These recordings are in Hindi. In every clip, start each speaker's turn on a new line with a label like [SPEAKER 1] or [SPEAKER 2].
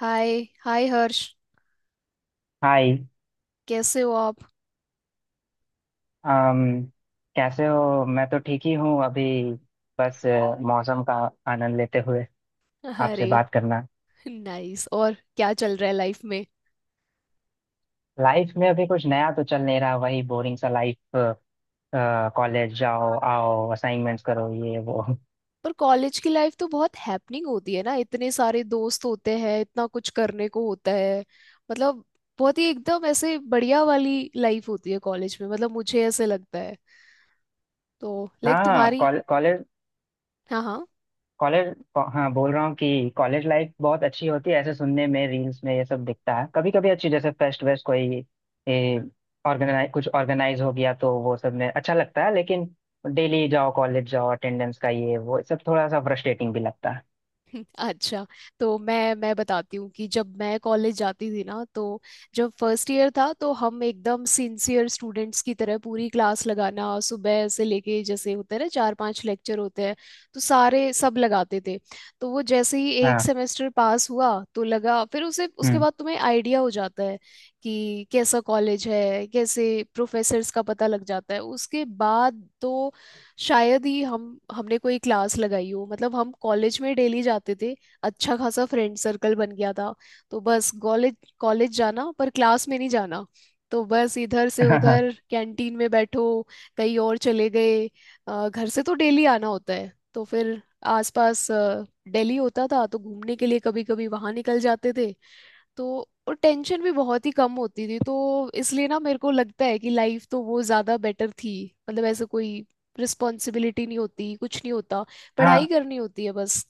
[SPEAKER 1] हाय। हाय हर्ष।
[SPEAKER 2] हाय।
[SPEAKER 1] कैसे हो आप?
[SPEAKER 2] अम कैसे हो? मैं तो ठीक ही हूँ अभी। बस मौसम का आनंद लेते हुए आपसे
[SPEAKER 1] अरे
[SPEAKER 2] बात करना।
[SPEAKER 1] नाइस। और क्या चल रहा है लाइफ में?
[SPEAKER 2] लाइफ में अभी कुछ नया तो चल नहीं रहा, वही बोरिंग सा लाइफ। कॉलेज जाओ आओ, असाइनमेंट्स करो, ये वो।
[SPEAKER 1] पर कॉलेज की लाइफ तो बहुत हैपनिंग होती है ना, इतने सारे दोस्त होते हैं, इतना कुछ करने को होता है। मतलब बहुत ही एकदम ऐसे बढ़िया वाली लाइफ होती है कॉलेज में, मतलब मुझे ऐसे लगता है। तो लाइक
[SPEAKER 2] हाँ
[SPEAKER 1] तुम्हारी।
[SPEAKER 2] कॉलेज।
[SPEAKER 1] हाँ हाँ।
[SPEAKER 2] कॉलेज। हाँ, बोल रहा हूँ कि कॉलेज लाइफ बहुत अच्छी होती है ऐसे सुनने में, रील्स में ये सब दिखता है, कभी कभी अच्छी जैसे फेस्ट वेस्ट कोई ऑर्गेनाइज कुछ ऑर्गेनाइज हो गया तो वो सब में अच्छा लगता है, लेकिन डेली जाओ कॉलेज जाओ अटेंडेंस का ये वो सब थोड़ा सा फ्रस्ट्रेटिंग भी लगता है।
[SPEAKER 1] अच्छा, तो मैं बताती हूँ कि जब मैं कॉलेज जाती थी ना, तो जब फर्स्ट ईयर था तो हम एकदम सिंसियर स्टूडेंट्स की तरह पूरी क्लास लगाना, सुबह से लेके जैसे होते हैं ना चार पांच लेक्चर होते हैं, तो सारे सब लगाते थे। तो वो जैसे ही एक
[SPEAKER 2] हाँ।
[SPEAKER 1] सेमेस्टर पास हुआ तो लगा फिर उसे उसके
[SPEAKER 2] हम्म।
[SPEAKER 1] बाद तुम्हें आइडिया हो जाता है कि कैसा कॉलेज है, कैसे प्रोफेसर्स, का पता लग जाता है। उसके बाद तो शायद ही हम हमने कोई क्लास लगाई हो। मतलब हम कॉलेज में डेली जाते थे, अच्छा खासा फ्रेंड सर्कल बन गया था। तो बस कॉलेज कॉलेज जाना, पर क्लास में नहीं जाना। तो बस इधर से
[SPEAKER 2] हाँ।
[SPEAKER 1] उधर कैंटीन में बैठो, कहीं और चले गए। घर से तो डेली आना होता है, तो फिर आसपास, दिल्ली होता था तो घूमने के लिए कभी कभी वहां निकल जाते थे। तो और टेंशन भी बहुत ही कम होती थी, तो इसलिए ना मेरे को लगता है कि लाइफ तो वो ज्यादा बेटर थी। मतलब ऐसे कोई रिस्पॉन्सिबिलिटी नहीं होती, कुछ नहीं होता, पढ़ाई
[SPEAKER 2] हाँ।
[SPEAKER 1] करनी होती है बस।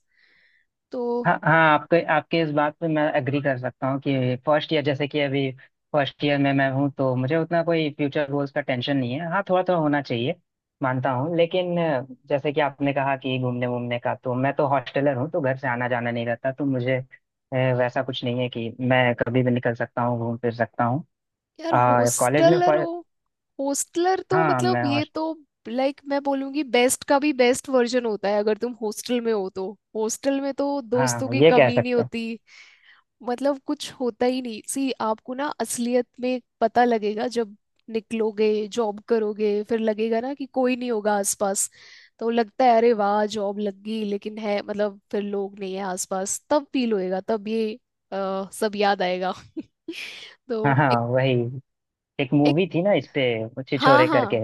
[SPEAKER 1] तो
[SPEAKER 2] हाँ, हाँ, आपके आपके इस बात पे मैं एग्री कर सकता हूँ कि फर्स्ट ईयर जैसे कि अभी फर्स्ट ईयर में मैं हूँ, तो मुझे उतना कोई फ्यूचर गोल्स का टेंशन नहीं है। हाँ थोड़ा थोड़ा होना चाहिए, मानता हूँ, लेकिन जैसे कि आपने कहा कि घूमने वूमने का, तो मैं तो हॉस्टलर हूँ, तो घर से आना जाना नहीं रहता, तो मुझे वैसा कुछ नहीं है कि मैं कभी भी निकल सकता हूँ घूम फिर सकता हूँ।
[SPEAKER 1] यार,
[SPEAKER 2] कॉलेज में।
[SPEAKER 1] हॉस्टलर हो? हॉस्टलर तो
[SPEAKER 2] हाँ,
[SPEAKER 1] मतलब
[SPEAKER 2] मैं।
[SPEAKER 1] ये
[SPEAKER 2] हॉस्ट
[SPEAKER 1] तो, लाइक मैं बोलूंगी बेस्ट का भी बेस्ट वर्जन होता है अगर तुम हॉस्टल में हो तो। हॉस्टल में तो दोस्तों
[SPEAKER 2] हाँ,
[SPEAKER 1] की
[SPEAKER 2] ये कह
[SPEAKER 1] कमी नहीं
[SPEAKER 2] सकते हैं।
[SPEAKER 1] होती। मतलब कुछ होता ही नहीं सी। आपको ना असलियत में पता लगेगा जब निकलोगे, जॉब करोगे, फिर लगेगा ना कि कोई नहीं होगा आसपास। तो लगता है अरे वाह जॉब लग गई, लेकिन है मतलब फिर लोग नहीं है आसपास, तब फील होएगा, तब ये सब याद आएगा।
[SPEAKER 2] हाँ
[SPEAKER 1] तो
[SPEAKER 2] हाँ,
[SPEAKER 1] एक,
[SPEAKER 2] वही एक
[SPEAKER 1] एक,
[SPEAKER 2] मूवी थी ना इस पे,
[SPEAKER 1] हाँ
[SPEAKER 2] छिछोरे करके।
[SPEAKER 1] हाँ।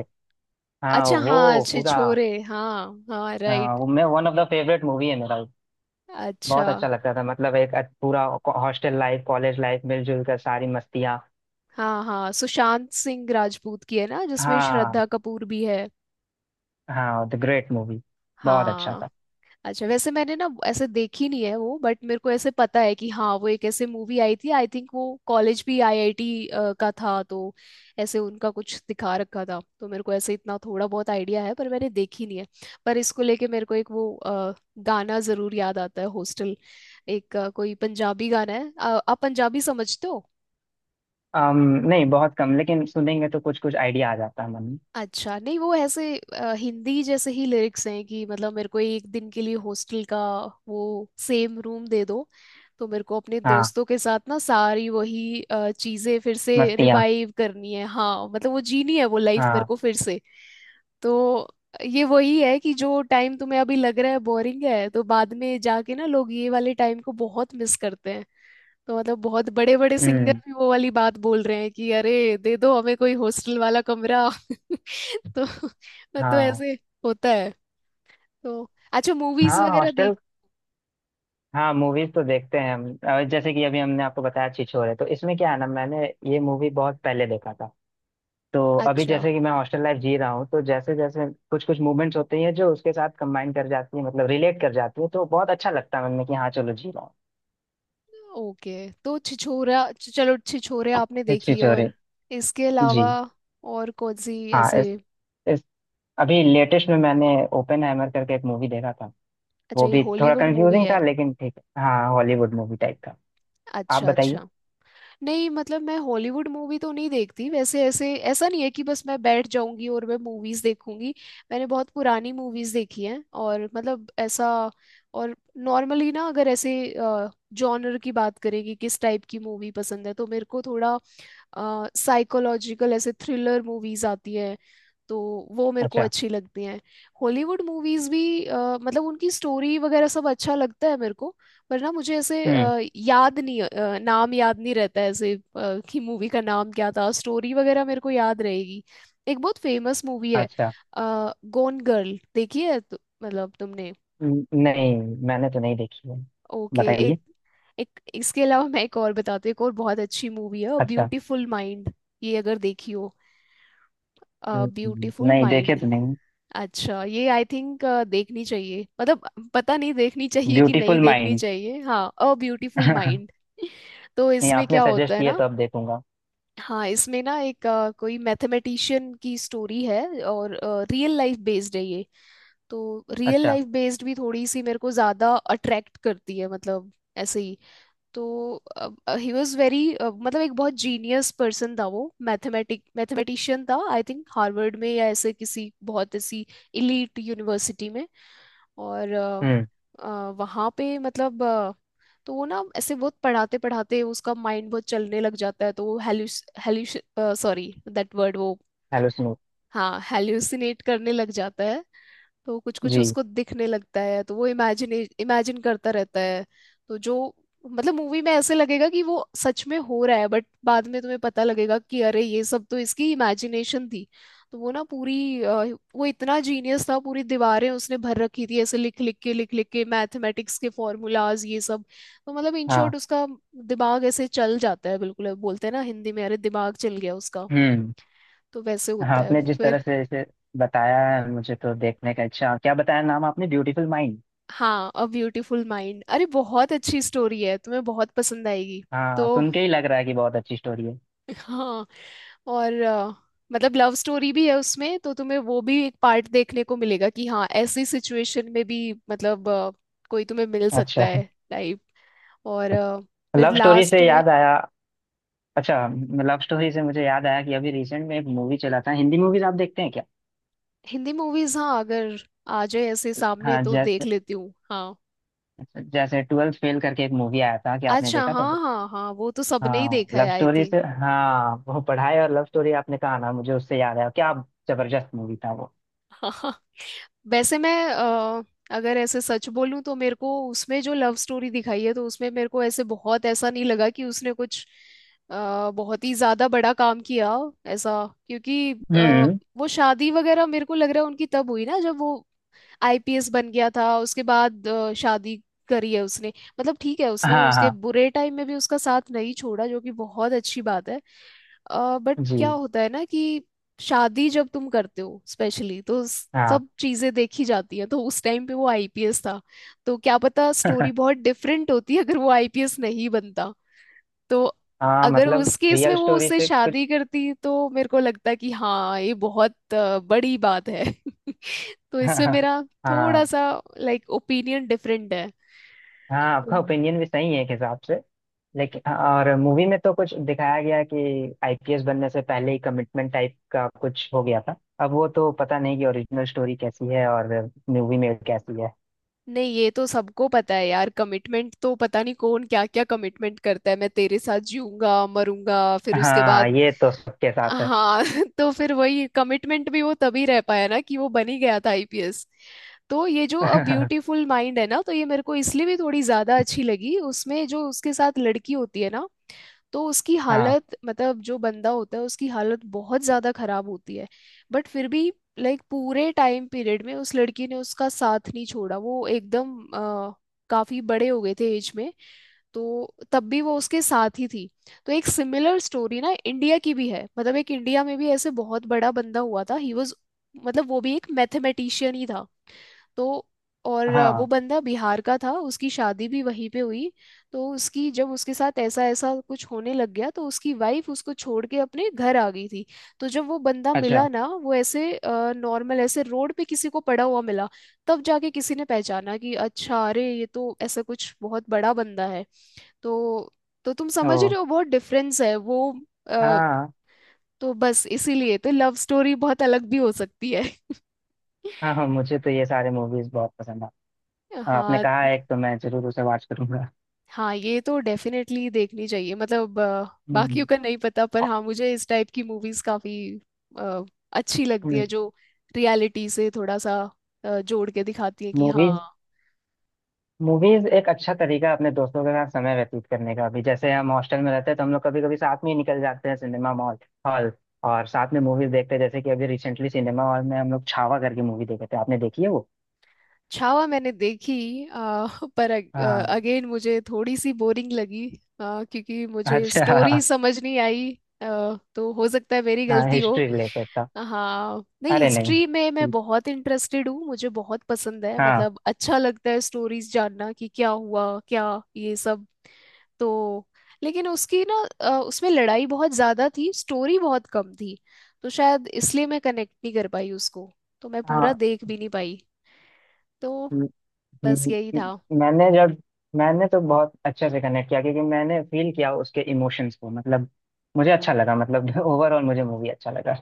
[SPEAKER 2] हाँ
[SPEAKER 1] अच्छा, हाँ,
[SPEAKER 2] वो
[SPEAKER 1] अच्छे
[SPEAKER 2] पूरा।
[SPEAKER 1] छोरे, हाँ हाँ,
[SPEAKER 2] हाँ,
[SPEAKER 1] राइट।
[SPEAKER 2] वो मैं one of the favourite movie है मेरा वो।
[SPEAKER 1] अच्छा,
[SPEAKER 2] बहुत अच्छा लगता था, मतलब एक पूरा हॉस्टल लाइफ कॉलेज लाइफ मिलजुल कर सारी मस्तियाँ।
[SPEAKER 1] हाँ हाँ, सुशांत सिंह राजपूत की है ना, जिसमें
[SPEAKER 2] हाँ।
[SPEAKER 1] श्रद्धा कपूर भी है।
[SPEAKER 2] हाँ द ग्रेट मूवी। बहुत अच्छा था।
[SPEAKER 1] हाँ। अच्छा, वैसे मैंने ना ऐसे देखी नहीं है वो, बट मेरे को ऐसे पता है कि हाँ वो एक ऐसे मूवी आई थी, आई थिंक वो कॉलेज भी आईआईटी का था, तो ऐसे उनका कुछ दिखा रखा था, तो मेरे को ऐसे इतना थोड़ा बहुत आइडिया है, पर मैंने देखी नहीं है। पर इसको लेके मेरे को एक वो गाना जरूर याद आता है, हॉस्टल, एक कोई पंजाबी गाना है। आप पंजाबी समझते हो?
[SPEAKER 2] अम नहीं, बहुत कम, लेकिन सुनेंगे तो कुछ कुछ आइडिया आ जाता है मन में।
[SPEAKER 1] अच्छा, नहीं वो ऐसे हिंदी जैसे ही लिरिक्स हैं कि मतलब मेरे को एक दिन के लिए हॉस्टल का वो सेम रूम दे दो। तो मेरे को अपने
[SPEAKER 2] हाँ
[SPEAKER 1] दोस्तों के साथ ना सारी वही चीजें फिर से
[SPEAKER 2] मस्तियाँ।
[SPEAKER 1] रिवाइव करनी है, हाँ मतलब वो जीनी है वो लाइफ मेरे
[SPEAKER 2] हाँ।
[SPEAKER 1] को फिर से। तो ये वही है कि जो टाइम तुम्हें अभी लग रहा है बोरिंग है, तो बाद में जाके ना लोग ये वाले टाइम को बहुत मिस करते हैं। तो मतलब बहुत बड़े बड़े सिंगर
[SPEAKER 2] हम्म।
[SPEAKER 1] भी वो वाली बात बोल रहे हैं कि अरे दे दो हमें कोई हॉस्टल वाला कमरा। तो
[SPEAKER 2] हाँ।
[SPEAKER 1] ऐसे होता है। तो अच्छा, मूवीज
[SPEAKER 2] हाँ
[SPEAKER 1] वगैरह देख?
[SPEAKER 2] हॉस्टल। हाँ, मूवीज तो देखते हैं हम, जैसे कि अभी हमने आपको बताया छिछोरे, तो इसमें क्या है ना, मैंने ये मूवी बहुत पहले देखा था, तो अभी
[SPEAKER 1] अच्छा,
[SPEAKER 2] जैसे कि मैं हॉस्टल लाइफ जी रहा हूँ, तो जैसे जैसे कुछ कुछ मूवमेंट्स होते हैं जो उसके साथ कंबाइन कर जाती है, मतलब रिलेट कर जाती है, तो बहुत अच्छा लगता है मन में कि हाँ चलो, जी रहा हूँ।
[SPEAKER 1] ओके। तो छिछोरा, चलो छिछोरे आपने
[SPEAKER 2] हिस्ट्री
[SPEAKER 1] देखी,
[SPEAKER 2] चोरी।
[SPEAKER 1] और इसके
[SPEAKER 2] जी।
[SPEAKER 1] अलावा और कौन सी
[SPEAKER 2] हाँ
[SPEAKER 1] ऐसे?
[SPEAKER 2] इस अभी लेटेस्ट में मैंने ओपन हैमर करके एक मूवी देखा था।
[SPEAKER 1] अच्छा
[SPEAKER 2] वो
[SPEAKER 1] ये
[SPEAKER 2] भी थोड़ा
[SPEAKER 1] हॉलीवुड मूवी
[SPEAKER 2] कंफ्यूजिंग था,
[SPEAKER 1] है?
[SPEAKER 2] लेकिन ठीक है। हाँ, हॉलीवुड मूवी टाइप का। आप
[SPEAKER 1] अच्छा
[SPEAKER 2] बताइए।
[SPEAKER 1] अच्छा। नहीं मतलब मैं हॉलीवुड मूवी तो नहीं देखती वैसे, ऐसे ऐसा नहीं है कि बस मैं बैठ जाऊंगी और मैं मूवीज देखूंगी। मैंने बहुत पुरानी मूवीज देखी हैं, और मतलब ऐसा, और नॉर्मली ना अगर ऐसे जॉनर की बात करें कि किस टाइप की मूवी पसंद है, तो मेरे को थोड़ा साइकोलॉजिकल ऐसे थ्रिलर मूवीज आती हैं, तो वो मेरे को
[SPEAKER 2] अच्छा।
[SPEAKER 1] अच्छी लगती हैं। हॉलीवुड मूवीज भी मतलब उनकी स्टोरी वगैरह सब अच्छा लगता है मेरे को। पर ना मुझे ऐसे
[SPEAKER 2] हम्म।
[SPEAKER 1] याद नहीं, नाम याद नहीं रहता है ऐसे, कि मूवी का नाम क्या था, स्टोरी वगैरह मेरे को याद रहेगी। एक बहुत फेमस मूवी है,
[SPEAKER 2] अच्छा।
[SPEAKER 1] गोन गर्ल, देखी है तो, मतलब तुमने?
[SPEAKER 2] नहीं, मैंने तो नहीं देखी है।
[SPEAKER 1] ओके। एक,
[SPEAKER 2] बताइए।
[SPEAKER 1] एक इसके अलावा मैं एक और बताती हूँ, एक और बहुत अच्छी मूवी है,
[SPEAKER 2] अच्छा।
[SPEAKER 1] Beautiful mind. ये अगर देखी हो, ब्यूटीफुल
[SPEAKER 2] नहीं देखे
[SPEAKER 1] माइंड।
[SPEAKER 2] तो नहीं।
[SPEAKER 1] अच्छा, ये आई थिंक देखनी चाहिए, मतलब पता नहीं देखनी चाहिए कि नहीं
[SPEAKER 2] ब्यूटीफुल
[SPEAKER 1] देखनी
[SPEAKER 2] माइंड।
[SPEAKER 1] चाहिए, हाँ, अ ब्यूटीफुल माइंड। तो
[SPEAKER 2] नहीं,
[SPEAKER 1] इसमें
[SPEAKER 2] आपने
[SPEAKER 1] क्या
[SPEAKER 2] सजेस्ट
[SPEAKER 1] होता है
[SPEAKER 2] किया
[SPEAKER 1] ना,
[SPEAKER 2] तो अब देखूंगा।
[SPEAKER 1] हाँ, इसमें ना एक कोई मैथमेटिशियन की स्टोरी है, और रियल लाइफ बेस्ड है ये। तो रियल
[SPEAKER 2] अच्छा।
[SPEAKER 1] लाइफ बेस्ड भी थोड़ी सी मेरे को ज्यादा अट्रैक्ट करती है, मतलब ऐसे ही। तो ही वॉज वेरी, मतलब एक बहुत जीनियस पर्सन था वो। मैथमेटिक मैथमेटिशियन था, आई थिंक हार्वर्ड में या ऐसे किसी बहुत ऐसी इलीट यूनिवर्सिटी में। और,
[SPEAKER 2] हम्म।
[SPEAKER 1] वहाँ पे मतलब, तो वो ना ऐसे बहुत पढ़ाते पढ़ाते उसका माइंड बहुत चलने लग जाता है, तो वो हेल्यूस सॉरी दैट वर्ड वो
[SPEAKER 2] हेलो सुनो।
[SPEAKER 1] हाँ हेल्यूसिनेट करने लग जाता है। तो कुछ कुछ
[SPEAKER 2] जी।
[SPEAKER 1] उसको दिखने लगता है, तो वो इमेजिन इमेजिन करता रहता है। तो जो, मतलब मूवी में ऐसे लगेगा कि वो सच में हो रहा है, बट बाद में तुम्हें पता लगेगा कि अरे ये सब तो इसकी इमेजिनेशन थी। तो वो ना पूरी, वो इतना जीनियस था, पूरी दीवारें उसने भर रखी थी ऐसे लिख लिख के, लिख लिख के, मैथमेटिक्स के फॉर्मूलाज, ये सब। तो मतलब इन शॉर्ट
[SPEAKER 2] हाँ।
[SPEAKER 1] उसका दिमाग ऐसे चल जाता है, बिल्कुल बोलते हैं ना हिंदी में अरे दिमाग चल गया उसका,
[SPEAKER 2] हम्म।
[SPEAKER 1] तो वैसे
[SPEAKER 2] हाँ,
[SPEAKER 1] होता है
[SPEAKER 2] आपने जिस
[SPEAKER 1] फिर।
[SPEAKER 2] तरह से इसे बताया है, मुझे तो देखने का। अच्छा, क्या बताया नाम आपने? Beautiful mind.
[SPEAKER 1] हाँ, अ ब्यूटीफुल माइंड, अरे बहुत अच्छी स्टोरी है, तुम्हें बहुत पसंद आएगी। तो
[SPEAKER 2] हाँ, सुन के ही लग रहा है कि बहुत अच्छी स्टोरी है।
[SPEAKER 1] हाँ। और, मतलब लव स्टोरी भी है उसमें, तो तुम्हें वो भी एक पार्ट देखने को मिलेगा कि हाँ ऐसी सिचुएशन में भी मतलब, कोई तुम्हें मिल सकता
[SPEAKER 2] अच्छा,
[SPEAKER 1] है टाइप। और, फिर
[SPEAKER 2] लव स्टोरी
[SPEAKER 1] लास्ट
[SPEAKER 2] से
[SPEAKER 1] में,
[SPEAKER 2] याद आया। अच्छा, लव स्टोरी से मुझे याद आया कि अभी रिसेंट में एक मूवी चला था। हिंदी मूवीज आप देखते हैं क्या?
[SPEAKER 1] हिंदी मूवीज, हाँ, अगर आ जाए ऐसे सामने
[SPEAKER 2] हाँ
[SPEAKER 1] तो देख
[SPEAKER 2] जैसे,
[SPEAKER 1] लेती हूँ, हाँ।
[SPEAKER 2] अच्छा, जैसे ट्वेल्थ फेल करके एक मूवी आया था कि आपने
[SPEAKER 1] अच्छा,
[SPEAKER 2] देखा था?
[SPEAKER 1] हाँ हाँ हाँ, वो तो सबने ही
[SPEAKER 2] हाँ,
[SPEAKER 1] देखा है
[SPEAKER 2] लव
[SPEAKER 1] आई
[SPEAKER 2] स्टोरी
[SPEAKER 1] थिंक।
[SPEAKER 2] से। हाँ, वो पढ़ाई और लव स्टोरी आपने कहा ना, मुझे उससे याद आया। क्या जबरदस्त मूवी था वो।
[SPEAKER 1] वैसे मैं, अगर ऐसे सच बोलूं, तो मेरे को उसमें जो लव स्टोरी दिखाई है, तो उसमें मेरे को ऐसे बहुत ऐसा नहीं लगा कि उसने कुछ बहुत ही ज्यादा बड़ा काम किया ऐसा, क्योंकि
[SPEAKER 2] हम्म।
[SPEAKER 1] वो शादी वगैरह मेरे को लग रहा है उनकी तब हुई ना जब वो आईपीएस बन गया था, उसके बाद शादी करी है उसने। मतलब ठीक है उसने
[SPEAKER 2] हाँ।
[SPEAKER 1] उसके
[SPEAKER 2] हाँ।
[SPEAKER 1] बुरे टाइम में भी उसका साथ नहीं छोड़ा, जो कि बहुत अच्छी बात है, बट
[SPEAKER 2] जी।
[SPEAKER 1] क्या होता है ना कि शादी जब तुम करते हो स्पेशली तो
[SPEAKER 2] हाँ।
[SPEAKER 1] सब चीजें देखी जाती है, तो उस टाइम पे वो आईपीएस था, तो क्या पता स्टोरी बहुत डिफरेंट होती अगर वो आईपीएस नहीं बनता। तो
[SPEAKER 2] हाँ,
[SPEAKER 1] अगर
[SPEAKER 2] मतलब
[SPEAKER 1] उस केस
[SPEAKER 2] रियल
[SPEAKER 1] में वो
[SPEAKER 2] स्टोरी
[SPEAKER 1] उससे
[SPEAKER 2] से कुछ।
[SPEAKER 1] शादी करती, तो मेरे को लगता कि हाँ ये बहुत बड़ी बात है। तो
[SPEAKER 2] हाँ,
[SPEAKER 1] इसमें मेरा थोड़ा
[SPEAKER 2] हाँ,
[SPEAKER 1] सा लाइक ओपिनियन डिफरेंट
[SPEAKER 2] हाँ, आपका
[SPEAKER 1] है।
[SPEAKER 2] ओपिनियन भी सही है एक हिसाब से, लेकिन और मूवी में तो कुछ दिखाया गया है कि आईपीएस बनने से पहले ही कमिटमेंट टाइप का कुछ हो गया था। अब वो तो पता नहीं कि ओरिजिनल स्टोरी कैसी है और मूवी में कैसी है।
[SPEAKER 1] नहीं ये तो सबको पता है यार, कमिटमेंट तो पता नहीं कौन क्या क्या कमिटमेंट करता है, मैं तेरे साथ जीऊंगा मरूंगा फिर उसके
[SPEAKER 2] हाँ,
[SPEAKER 1] बाद,
[SPEAKER 2] ये तो सबके साथ है।
[SPEAKER 1] हाँ। तो फिर वही कमिटमेंट भी वो तभी रह पाया ना कि वो बन ही गया था आईपीएस। तो ये जो अ ब्यूटीफुल माइंड है ना, तो ये मेरे को इसलिए भी थोड़ी ज्यादा अच्छी लगी, उसमें जो उसके साथ लड़की होती है ना, तो उसकी
[SPEAKER 2] हाँ।
[SPEAKER 1] हालत मतलब जो बंदा होता है उसकी हालत बहुत ज़्यादा खराब होती है, बट फिर भी लाइक पूरे टाइम पीरियड में उस लड़की ने उसका साथ नहीं छोड़ा। वो एकदम काफी बड़े हो गए थे एज में, तो तब भी वो उसके साथ ही थी। तो एक सिमिलर स्टोरी ना इंडिया की भी है, मतलब एक इंडिया में भी ऐसे बहुत बड़ा बंदा हुआ था, ही वॉज, मतलब वो भी एक मैथमेटिशियन ही था। तो और वो
[SPEAKER 2] हाँ।
[SPEAKER 1] बंदा बिहार का था, उसकी शादी भी वहीं पे हुई। तो उसकी जब उसके साथ ऐसा ऐसा कुछ होने लग गया, तो उसकी वाइफ उसको छोड़ के अपने घर आ गई थी। तो जब वो बंदा मिला
[SPEAKER 2] अच्छा।
[SPEAKER 1] ना, वो ऐसे नॉर्मल ऐसे रोड पे किसी को पड़ा हुआ मिला, तब जाके किसी ने पहचाना कि अच्छा अरे ये तो ऐसा कुछ बहुत बड़ा बंदा है। तो तो तुम
[SPEAKER 2] ओ।
[SPEAKER 1] समझ रहे हो बहुत डिफरेंस है वो अ,
[SPEAKER 2] हाँ।
[SPEAKER 1] तो बस इसीलिए तो लव स्टोरी बहुत अलग भी हो सकती है।
[SPEAKER 2] हाँ, हाँ, मुझे तो ये सारे मूवीज बहुत पसंद है। आपने
[SPEAKER 1] हाँ,
[SPEAKER 2] कहा है एक तो मैं जरूर उसे वॉच करूंगा।
[SPEAKER 1] हाँ ये तो डेफिनेटली देखनी चाहिए, मतलब,
[SPEAKER 2] हम्म।
[SPEAKER 1] बाकियों का नहीं पता पर
[SPEAKER 2] अ-
[SPEAKER 1] हाँ मुझे इस टाइप की मूवीज काफी अ, अच्छी लगती
[SPEAKER 2] हम्म।
[SPEAKER 1] है जो रियलिटी से थोड़ा सा जोड़ के दिखाती है कि हाँ।
[SPEAKER 2] मूवीज मूवीज एक अच्छा तरीका है अपने दोस्तों के साथ समय व्यतीत करने का भी, जैसे हम हॉस्टल में रहते हैं, तो हम लोग कभी कभी साथ में ही निकल जाते हैं सिनेमा मॉल हॉल, और साथ में मूवीज देखते हैं, जैसे कि अभी रिसेंटली सिनेमा हॉल में हम लोग छावा करके मूवी देखे थे। आपने देखी है वो?
[SPEAKER 1] छावा मैंने देखी अ, पर
[SPEAKER 2] हाँ।
[SPEAKER 1] अगेन मुझे थोड़ी सी बोरिंग लगी, क्योंकि मुझे
[SPEAKER 2] अच्छा।
[SPEAKER 1] स्टोरी समझ नहीं आई, तो हो सकता है मेरी
[SPEAKER 2] हाँ,
[SPEAKER 1] गलती हो।
[SPEAKER 2] हिस्ट्री रिलेटेड था।
[SPEAKER 1] हाँ नहीं,
[SPEAKER 2] अरे
[SPEAKER 1] हिस्ट्री में मैं
[SPEAKER 2] नहीं।
[SPEAKER 1] बहुत इंटरेस्टेड हूँ, मुझे बहुत पसंद है,
[SPEAKER 2] हाँ।
[SPEAKER 1] मतलब अच्छा लगता है स्टोरीज जानना कि क्या हुआ क्या, ये सब। तो लेकिन उसकी ना, उसमें लड़ाई बहुत ज्यादा थी, स्टोरी बहुत कम थी, तो शायद इसलिए मैं कनेक्ट नहीं कर पाई उसको। तो मैं पूरा
[SPEAKER 2] हाँ।
[SPEAKER 1] देख भी नहीं पाई। तो बस
[SPEAKER 2] म-
[SPEAKER 1] यही था।
[SPEAKER 2] मैंने जब मैंने तो बहुत अच्छे से कनेक्ट किया, क्योंकि मैंने फील किया उसके इमोशंस को, मतलब मुझे अच्छा लगा, मतलब ओवरऑल मुझे मूवी अच्छा लगा।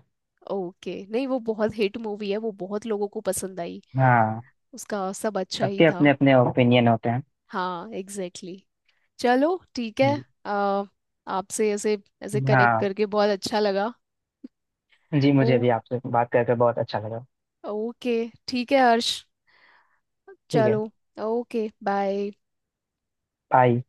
[SPEAKER 1] ओके, नहीं वो बहुत हिट मूवी है, वो बहुत लोगों को पसंद आई,
[SPEAKER 2] हाँ,
[SPEAKER 1] उसका सब अच्छा ही
[SPEAKER 2] सबके अपने
[SPEAKER 1] था।
[SPEAKER 2] अपने ओपिनियन होते हैं।
[SPEAKER 1] हाँ एग्जैक्टली, exactly. चलो ठीक है।
[SPEAKER 2] जी।
[SPEAKER 1] अ, आपसे ऐसे ऐसे कनेक्ट
[SPEAKER 2] हाँ।
[SPEAKER 1] करके बहुत अच्छा लगा।
[SPEAKER 2] जी, मुझे
[SPEAKER 1] ओ,
[SPEAKER 2] भी आपसे बात करके बहुत अच्छा लगा।
[SPEAKER 1] ओके, ठीक है हर्ष,
[SPEAKER 2] ठीक है।
[SPEAKER 1] चलो, ओके बाय।
[SPEAKER 2] बाय।